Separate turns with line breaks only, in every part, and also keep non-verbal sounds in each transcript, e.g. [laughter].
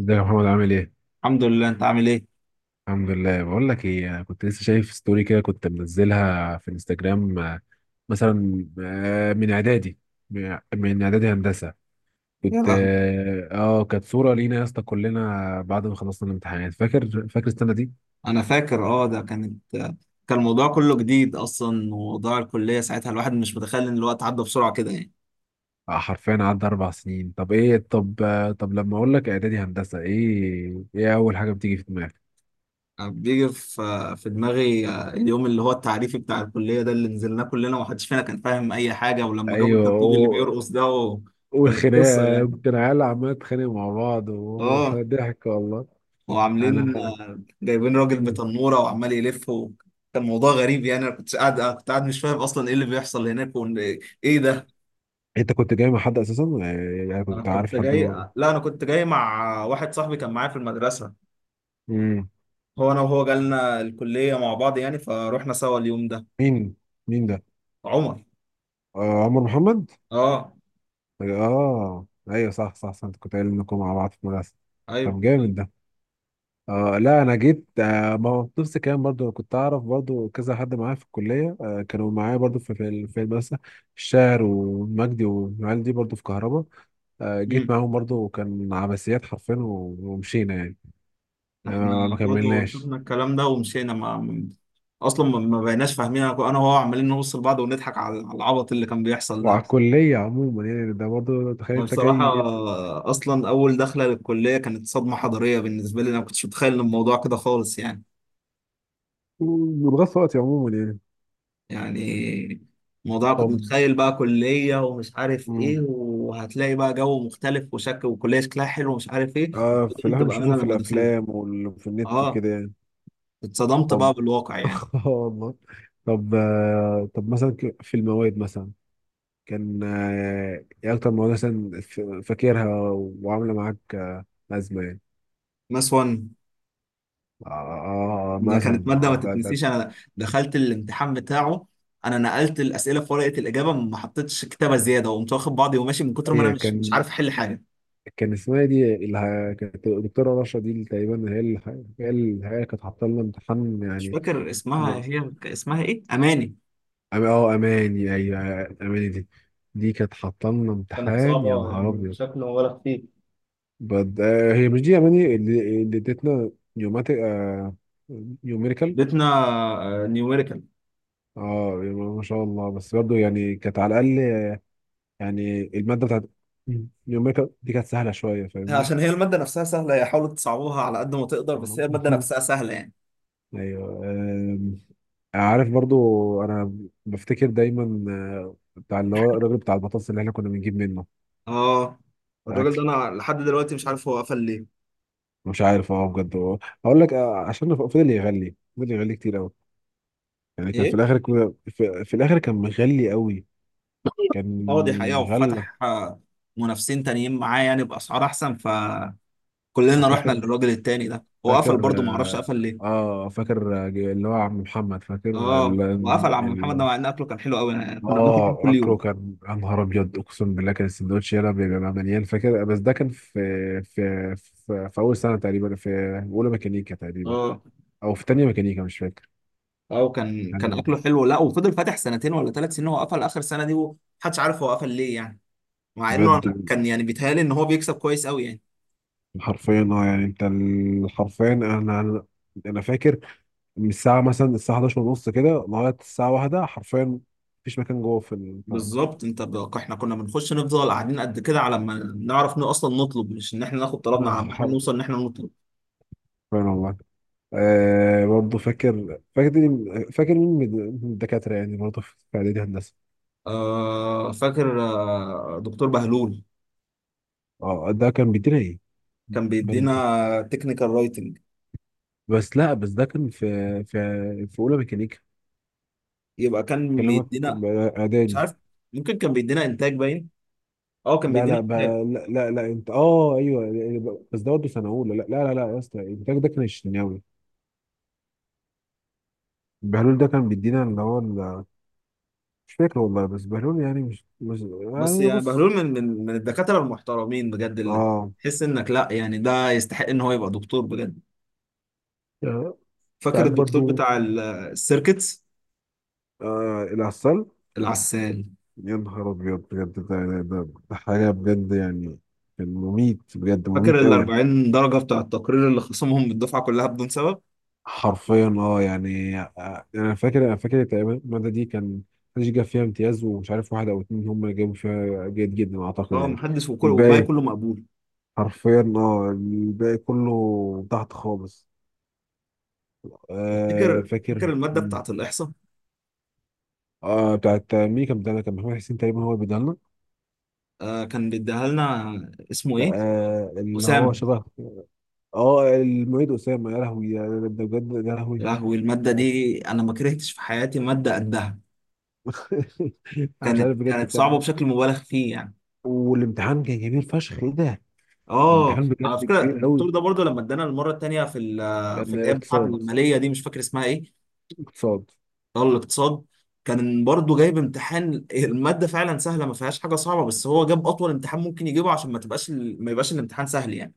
ازيك يا محمد، عامل ايه؟
الحمد لله، انت عامل ايه؟
الحمد لله. بقول لك ايه، انا كنت لسه شايف ستوري كده كنت منزلها في الانستجرام مثلا من اعدادي من اعدادي هندسه.
يا
كنت
لهوي.
كانت صوره لينا يا اسطى كلنا بعد ما خلصنا الامتحانات. فاكر السنه دي؟
انا فاكر، اه ده كانت، كان الموضوع كله جديد اصلا، وموضوع الكليه ساعتها الواحد مش متخيل ان الوقت عدى بسرعه كده يعني.
حرفيا عدى 4 سنين. طب ايه، طب طب لما اقول لك اعدادي هندسه، ايه ايه اول حاجه بتيجي في دماغك؟
انا بيجي في دماغي اليوم اللي هو التعريفي بتاع الكليه ده، اللي نزلناه كلنا ومحدش فينا كان فاهم اي حاجه. ولما جابوا
ايوه،
الدبدوب اللي بيرقص ده وكانت قصه
والخناقه
يعني.
كنا عيال عماله تتخانق مع بعض
اه،
وضحك والله.
وعاملين
انا.
جايبين راجل بتنوره وعمال يلف و... كان موضوع غريب يعني. انا كنت قاعد مش فاهم اصلا ايه اللي بيحصل هناك، وان ايه ده.
انت كنت جاي مع حد اساسا؟ يعني
انا
كنت عارف
كنت
حد.
جاي لا انا كنت جاي مع واحد صاحبي كان معايا في المدرسه.
امم.
هو انا وهو جالنا الكليه مع بعض يعني، فروحنا سوا اليوم ده.
مين مين ده؟
عمر.
آه عمر محمد.
اه
اه ايوه، صح صح صح، انت كنت قايل انكم مع بعض في المدرسه. طب
ايوه.
جامد ده. آه لا، انا جيت. آه، ما هو نفس الكلام برضو، كنت اعرف برضو كذا حد معايا في الكليه، كانوا معايا برضو في في المدرسه. الشاعر ومجدي والعيال دي برضو في كهرباء. آه جيت
امم.
معاهم برضو، وكان عباسيات حرفيا ومشينا يعني.
احنا
آه ما
برضه
كملناش.
شفنا الكلام ده ومشينا، اصلا ما بقيناش فاهمين. أنا وهو عمالين نبص لبعض ونضحك على العبط اللي كان بيحصل ده.
وعلى الكليه عموما يعني، ده برضو تخيل
أنا
انت
بصراحه
جاي
اصلا اول دخله للكليه كانت صدمه حضاريه بالنسبه لي. انا ما كنتش متخيل إن الموضوع كده خالص يعني.
بتغطي وقتي عموما يعني.
يعني الموضوع كنت
طب.
متخيل بقى كلية ومش عارف ايه،
مم.
وهتلاقي بقى جو مختلف وشكل، وكلية شكلها حلو ومش عارف ايه.
آه، في اللي
اتصدمت
احنا
بقى
بنشوفه
منها
في
لما دخلت.
الافلام وفي النت
اه،
وكده يعني.
اتصدمت
طب.
بقى بالواقع يعني.
[laughs] آه والله. طب طب مثلا، في المواد مثلا، كان ايه اكتر مواد مثلا فاكرها وعامله معاك ازمه يعني.
ماس 1،
آه
ده كانت
مثلا
مادة ما
آه ده ده.
تتنسيش. انا دخلت الامتحان بتاعه، انا نقلت الأسئلة في ورقة الإجابة، ما حطيتش كتابة زيادة، وقمت واخد بعضي وماشي، من كتر ما انا
هي
مش عارف
كان.
احل حاجة.
كان اسمها إيه دي اللي كانت الدكتوره رشا دي اللي تقريبا هي اللي، هي اللي، هي كانت حاطه لنا امتحان
مش
يعني.
فاكر اسمها، هي اسمها ايه، أماني؟
اه اماني، ايوه. اماني دي، دي كانت حاطه لنا
كانت
امتحان، يا
صعبة
نهار
يعني
ابيض.
بشكل ولا خفيف.
آه هي مش دي اماني اللي ادتنا نيوماتيك. آه نيوميريكال.
اديتنا نيوميريكال.
اه ما شاء الله. بس برضه يعني كانت على الاقل يعني، الماده بتاعت نيوميريكال دي كانت سهله شويه فاهمني.
عشان هي المادة نفسها سهلة، هي حاولوا تصعبوها على قد ما تقدر، بس
آه.
هي المادة
[laughs]
نفسها سهلة يعني.
ايوه عارف برضو، انا بفتكر دايما آه، بتاع اللي هو الراجل بتاع البطاطس اللي احنا كنا بنجيب منه.
اه، الراجل ده انا لحد دلوقتي مش عارف هو قفل ليه.
مش عارف، اه بجد هقول لك آه، عشان فضل يغلي كتير قوي يعني. كان في
ايه.
الاخر كده، في الاخر كان مغلي قوي. كان
اه دي حقيقة،
غلى.
وفتح منافسين تانيين معاه يعني بأسعار احسن، فكلنا
آه،
رحنا
فاكر.
للراجل التاني ده. هو قفل
فاكر
برضه، ما اعرفش
اه.
قفل ليه.
آه فاكر، آه، اللي هو عم محمد، فاكر
اه،
ال...
وقفل عم محمد ده،
ال...
مع ان اكله كان حلو قوي يعني، كنا بناكل منه
اه
كل
اكله
يوم.
كان يا نهار ابيض. اقسم بالله كان السندوتش يلا بيبقى مليان، فاكر. بس ده كان في في اول سنه تقريبا، في اولى ميكانيكا تقريبا.
اه.
او في تانية ميكانيكا، مش فاكر.
اه، كان
يعني
اكله حلو، لا وفضل فاتح سنتين ولا ثلاث سنين. هو قفل اخر سنة دي ومحدش عارف هو قفل ليه يعني. مع انه
بجد
أنا كان يعني بيتهيألي ان هو بيكسب كويس قوي يعني.
حرفيا اه يعني، حرفيا انا انا أنا فاكر، من الساعه مثلا الساعه 11 ونص كده لغايه الساعه واحدة حرفيا مفيش مكان جوه في البتاع.
بالظبط انت بقى. احنا كنا بنخش نفضل قاعدين قد كده على ما نعرف ان اصلا نطلب، مش ان احنا ناخد طلبنا،
آه،
على ما احنا نوصل
حرفيا
ان احنا نطلب.
والله. آه برضه فاكر، فاكر مين من من الدكاتره يعني برضه في اعدادي هندسه.
آه، فاكر، آه دكتور بهلول.
اه ده كان بيدينا ايه؟
كان
بل-
بيدينا تكنيكال رايتنج.
بس لا، بس ده كان في في في اولى ميكانيكا.
يبقى كان
كلامك
بيدينا مش
اعدادي.
عارف، ممكن كان بيدينا انتاج، باين. اه، كان
لا
بيدينا
لا
انتاج.
بقى، لا لا لا انت، اه ايوه، بس ده برضه سنه اولى. لا يا اسطى، انت ده كان الشناوي. بهلول ده كان بيدينا اللي هو مش فاكر والله. بس بهلول يعني مش،
بس
يعني
يعني
بص.
بهلول من الدكاترة المحترمين بجد، اللي
اه
تحس انك لا يعني، ده يستحق ان هو يبقى دكتور بجد.
يعني. انت
فاكر
عارف
الدكتور
برضو،
بتاع السيركتس.
العسل.
العسال.
يا نهار ابيض بجد، ده حاجه بجد يعني. كان مميت بجد،
فاكر
مميت
ال
قوي.
40 درجة بتاع التقرير اللي خصمهم من الدفعة كلها بدون سبب؟
حرفيا اه يعني، آه، انا فاكر تقريبا الماده دي كان محدش جاب فيها امتياز، ومش عارف واحد او اتنين هم اللي جابوا فيها جيد جدا اعتقد
اه،
يعني.
محدش، وكل والباقي
الباقي
كله مقبول.
حرفيا اه، الباقي كله تحت خالص. آه
تفتكر فاكر
فاكر.
المادة بتاعة الإحصاء؟
آه بتاعت مين؟ كان بتاعنا كان محمد حسين تقريبا هو اللي بيديها لنا.
آه كان بيديها لنا. اسمه
لا
إيه؟
آه اللي هو
أسامة.
شبه. اه المعيد أسامة. يا لهوي، ده ده بجد يا
يا
لهوي.
لهوي المادة
ده-
دي، أنا ما كرهتش في حياتي مادة قدها.
[laughs] انا مش عارف بجد
كانت صعبة
كان.
بشكل مبالغ فيه يعني.
والامتحان كان كبير فشخ، ايه ده.
اه،
الامتحان
على
بجد
فكرة
كبير قوي.
الدكتور ده برضه لما ادانا المرة التانية في في
كان
الآية بتاعة
اقتصاد.
المالية دي، مش فاكر اسمها إيه.
اقتصاد.
اه، الاقتصاد. كان برضه جايب امتحان، المادة فعلا سهلة، ما فيهاش حاجة صعبة، بس هو جاب أطول امتحان ممكن يجيبه، عشان ما تبقاش ما يبقاش الامتحان سهل يعني.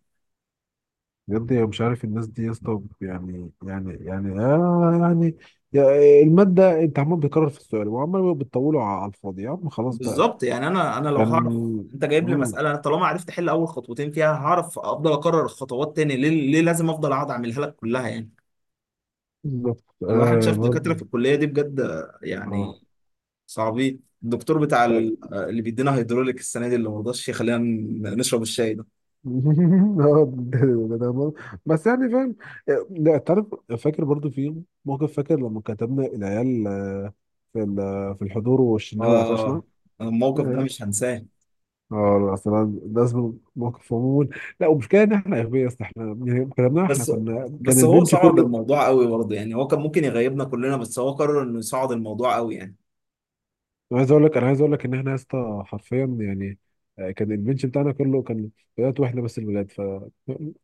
بجد أنا مش عارف الناس دي يا اسطى يعني يعني يعني آه يعني، المادة انت عمال بتكرر في السؤال وعمال بتطوله على الفاضي، يا عم خلاص بقى.
بالظبط يعني. أنا لو
كان.
هعرف. أنت جايب لي
مم.
مسألة، أنا طالما عرفت أحل أول خطوتين فيها، هعرف أفضل أكرر الخطوات تاني ليه لازم أفضل أقعد أعملها لك كلها يعني؟
بالظبط
الواحد
آه
شاف دكاترة في
برضه.
الكلية دي بجد
اه.
يعني صعبين. الدكتور بتاع
طيب.
اللي بيدينا هيدروليك السنة دي، اللي مرضاش يخلينا نشرب الشاي ده.
[laughs] آه، ده برضه. بس يعني فاهم. لا تعرف، فاكر برضو في موقف، فاكر لما كتبنا العيال آه، في في الحضور والشناوي قفشنا.
آه، الموقف ده
[laughs]
مش هنساه.
اه لا، اصلا لازم موقف عموما. لا، ومشكلة ان احنا اغبياء يا اسطى، احنا يعني كلامنا، احنا
بس
كنا كان
بس هو
البنش
صعد
كله.
الموضوع قوي برضه يعني. هو كان ممكن يغيبنا كلنا، بس هو قرر انه يصعد الموضوع قوي يعني.
انا عايز اقول لك، ان احنا يا اسطى حرفيا يعني، آه، كان البنش بتاعنا كله كان ولاد، واحنا بس الولاد ف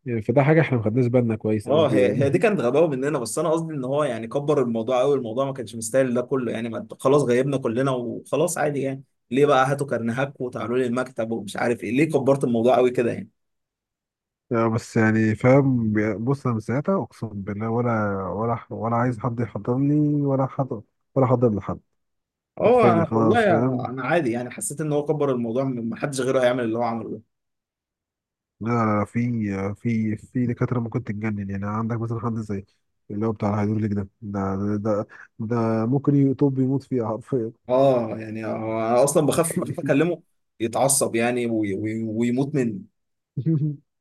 يعني، فده حاجه احنا ما خدناش بالنا كويس
اه،
قوي
هي دي
يعني.
كانت غباوه مننا، بس انا قصدي ان هو يعني كبر الموضوع قوي. الموضوع ما كانش مستاهل ده كله يعني. ما خلاص، غيبنا كلنا وخلاص عادي يعني. ليه بقى هاتوا كرنيهاك وتعالوا لي المكتب ومش عارف ايه؟ ليه كبرت الموضوع قوي كده يعني؟
لا بس يعني فاهم. بص، انا من ساعتها اقسم بالله، ولا ولا ولا عايز حد يحضر لي، ولا حد، ولا حضر لحد. حرفيا،
اه والله
خلاص
يا-،
فاهم.
انا عادي يعني، حسيت ان هو كبر الموضوع، ما حدش غيره هيعمل اللي هو عمله ده.
لا لا لا، في في دكاتره ممكن تتجنن يعني. عندك مثلا حد زي اللي هو بتاع الهيدروليك ده، ده ممكن يطب يموت فيها حرفيا.
اه يعني، هو انا اصلا بخاف، اكلمه يتعصب يعني، ويموت مني.
[laughs]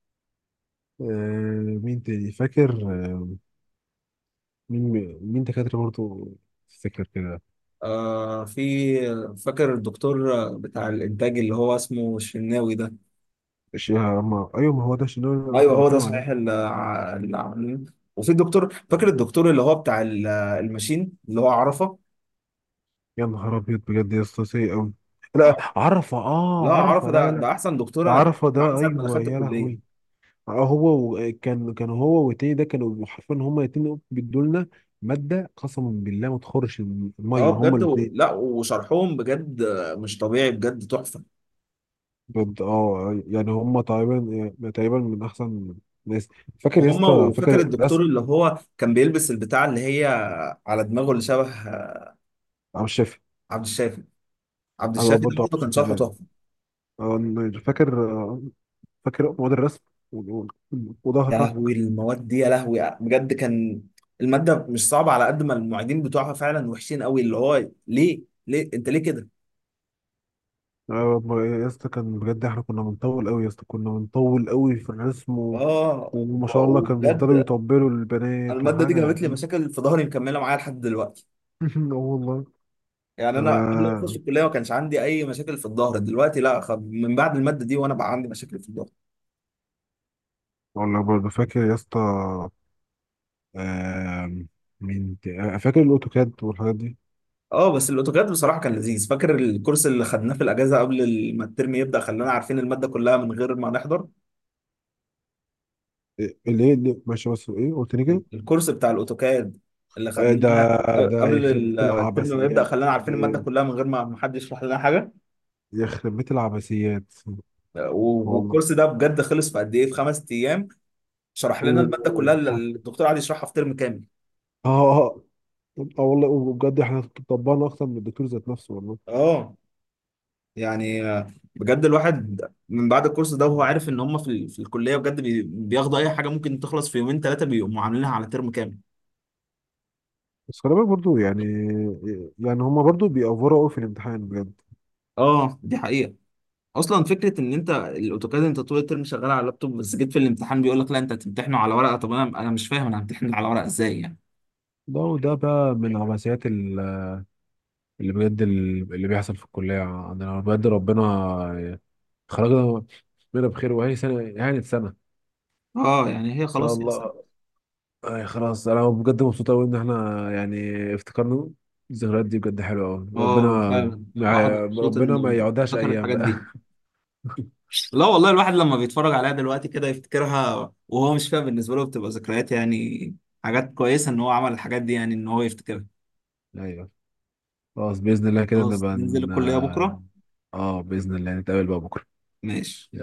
آه، مين تاني فاكر؟ مين مين دكاتره برضه تفتكر كده.
آه في، فاكر الدكتور بتاع الانتاج اللي هو اسمه الشناوي ده.
الشيخ عمار. ايوه ما هو ده الشيخ اللي أنا كنت
ايوه هو ده
بنتكلم عليه.
صحيح، اللي اللي عاملين. وفي الدكتور، فاكر الدكتور اللي هو بتاع الماشين اللي هو عرفه.
يا نهار ابيض بجد يا اسطى، سيء قوي. لا
عرفة.
عرفه،
لا
اه عرفه،
عرفه،
لا لا لا.
ده احسن دكتور
ده
انا اتعاملت
عرفه
معاه من
ده،
ساعه ما
ايوه
دخلت
يا
الكليه.
لهوي. آه، هو كان هو والتاني ده كانوا حرفيا هما الاتنين بيدوا لنا ماده قسما بالله ما تخرش
اه
الميه، هما
بجد و...
الاتنين.
لا وشرحهم بجد مش طبيعي، بجد تحفه.
بجد اه يعني، هما تقريبا، يعني تقريبا من احسن ناس. فاكر يا
وهم،
اسطى،
وفاكر
فاكر
الدكتور
رسم.
اللي هو كان بيلبس البتاع اللي هي على دماغه، اللي شبه
عم الشافي.
عبد الشافي. عبد
انا
الشافي ده
برضه عم
برضه كان
الشافي
شرحه
ده،
تحفه.
آه فاكر، آه فاكر مواد الرسم و- و-
يا
وظهرك.
لهوي المواد دي، يا لهوي بجد كان، المادة مش صعبة على قد ما المعيدين بتوعها فعلا وحشين قوي. اللي هو ليه انت ليه كده؟
آه ما-، يا اسطى كان بجد، احنا كنا بنطول قوي يا اسطى، كنا بنطول قوي في الرسم و...
اه
وما شاء الله كان بيفضلوا
وبجد،
يطبلوا
أنا
للبنات
المادة دي
وحاجة
جابت لي
دي.
مشاكل في ظهري مكملة معايا لحد دلوقتي
[laughs] اه والله.
يعني. انا قبل ما اخش
انا
الكلية ما كانش عندي اي مشاكل في الظهر دلوقتي. لا من بعد المادة دي وانا بقى عندي مشاكل في الظهر.
والله برضه فاكر يا اسطى آم، مين آه فاكر الاوتوكاد والحاجات دي.
اه بس الاوتوكاد بصراحة كان لذيذ. فاكر الكورس اللي خدناه في الاجازة قبل ما الترم يبدأ، خلانا عارفين المادة كلها من غير ما نحضر؟
إيه، اللي ماشي، بس ايه قلت لي كده؟
الكورس بتاع الاوتوكاد اللي
آه
خدناه
ده. ده
قبل
يخرب بيت
الترم ما يبدأ،
العبثيات.
خلانا عارفين المادة
ده
كلها من غير ما حد يشرح لنا حاجة.
يخرب بيت العبثيات. والله
والكورس ده بجد خلص في قد ايه، في خمس ايام. شرح
و...
لنا المادة كلها اللي
[laughs]
الدكتور قعد يشرحها في ترم كامل.
اه آه، اه والله، وبجد احنا طبقنا اكتر من الدكتور ذات نفسه والله.
اه يعني، بجد الواحد من بعد الكورس ده وهو عارف ان هم في في الكلية بجد بياخدوا اي حاجة ممكن تخلص في يومين ثلاثة، بيقوموا عاملينها على ترم كامل.
بس خلي بالك برضه يعني، يعني هما برضه بيأفوروا قوي في الامتحان بجد.
اه دي حقيقة. اصلا فكره ان انت الاوتوكاد انت طول الترم شغال على اللابتوب، بس جيت في الامتحان بيقول لك لا انت هتمتحنه على ورقه. طب انا، مش فاهم، انا همتحن على ورقه ازاي يعني؟
ده، وده بقى من عبثيات اللي بجد، اللي بيحصل في الكلية عندنا. بجد ربنا خرجنا منها بخير، وهي سنة، يعني سنة إن
اه يعني هي
شاء
خلاص هي
الله.
سنه.
أي خلاص، أنا بجد مبسوط أوي إن إحنا يعني افتكرنا الذكريات دي، بجد حلوة أوي. ربنا،
اه فعلا الواحد مبسوط
ربنا ما
انه
يقعدهاش
افتكر
أيام
الحاجات
بقى.
دي.
[laughs]
لا والله، الواحد لما بيتفرج عليها دلوقتي كده يفتكرها وهو مش فاهم، بالنسبه له بتبقى ذكريات يعني، حاجات كويسه ان هو عمل الحاجات دي يعني، ان هو يفتكرها.
أيوه. خلاص بإذن الله كده
خلاص،
نبقى
ننزل الكليه بكره.
اه باذن الله نتقابل بقى بكره.
ماشي.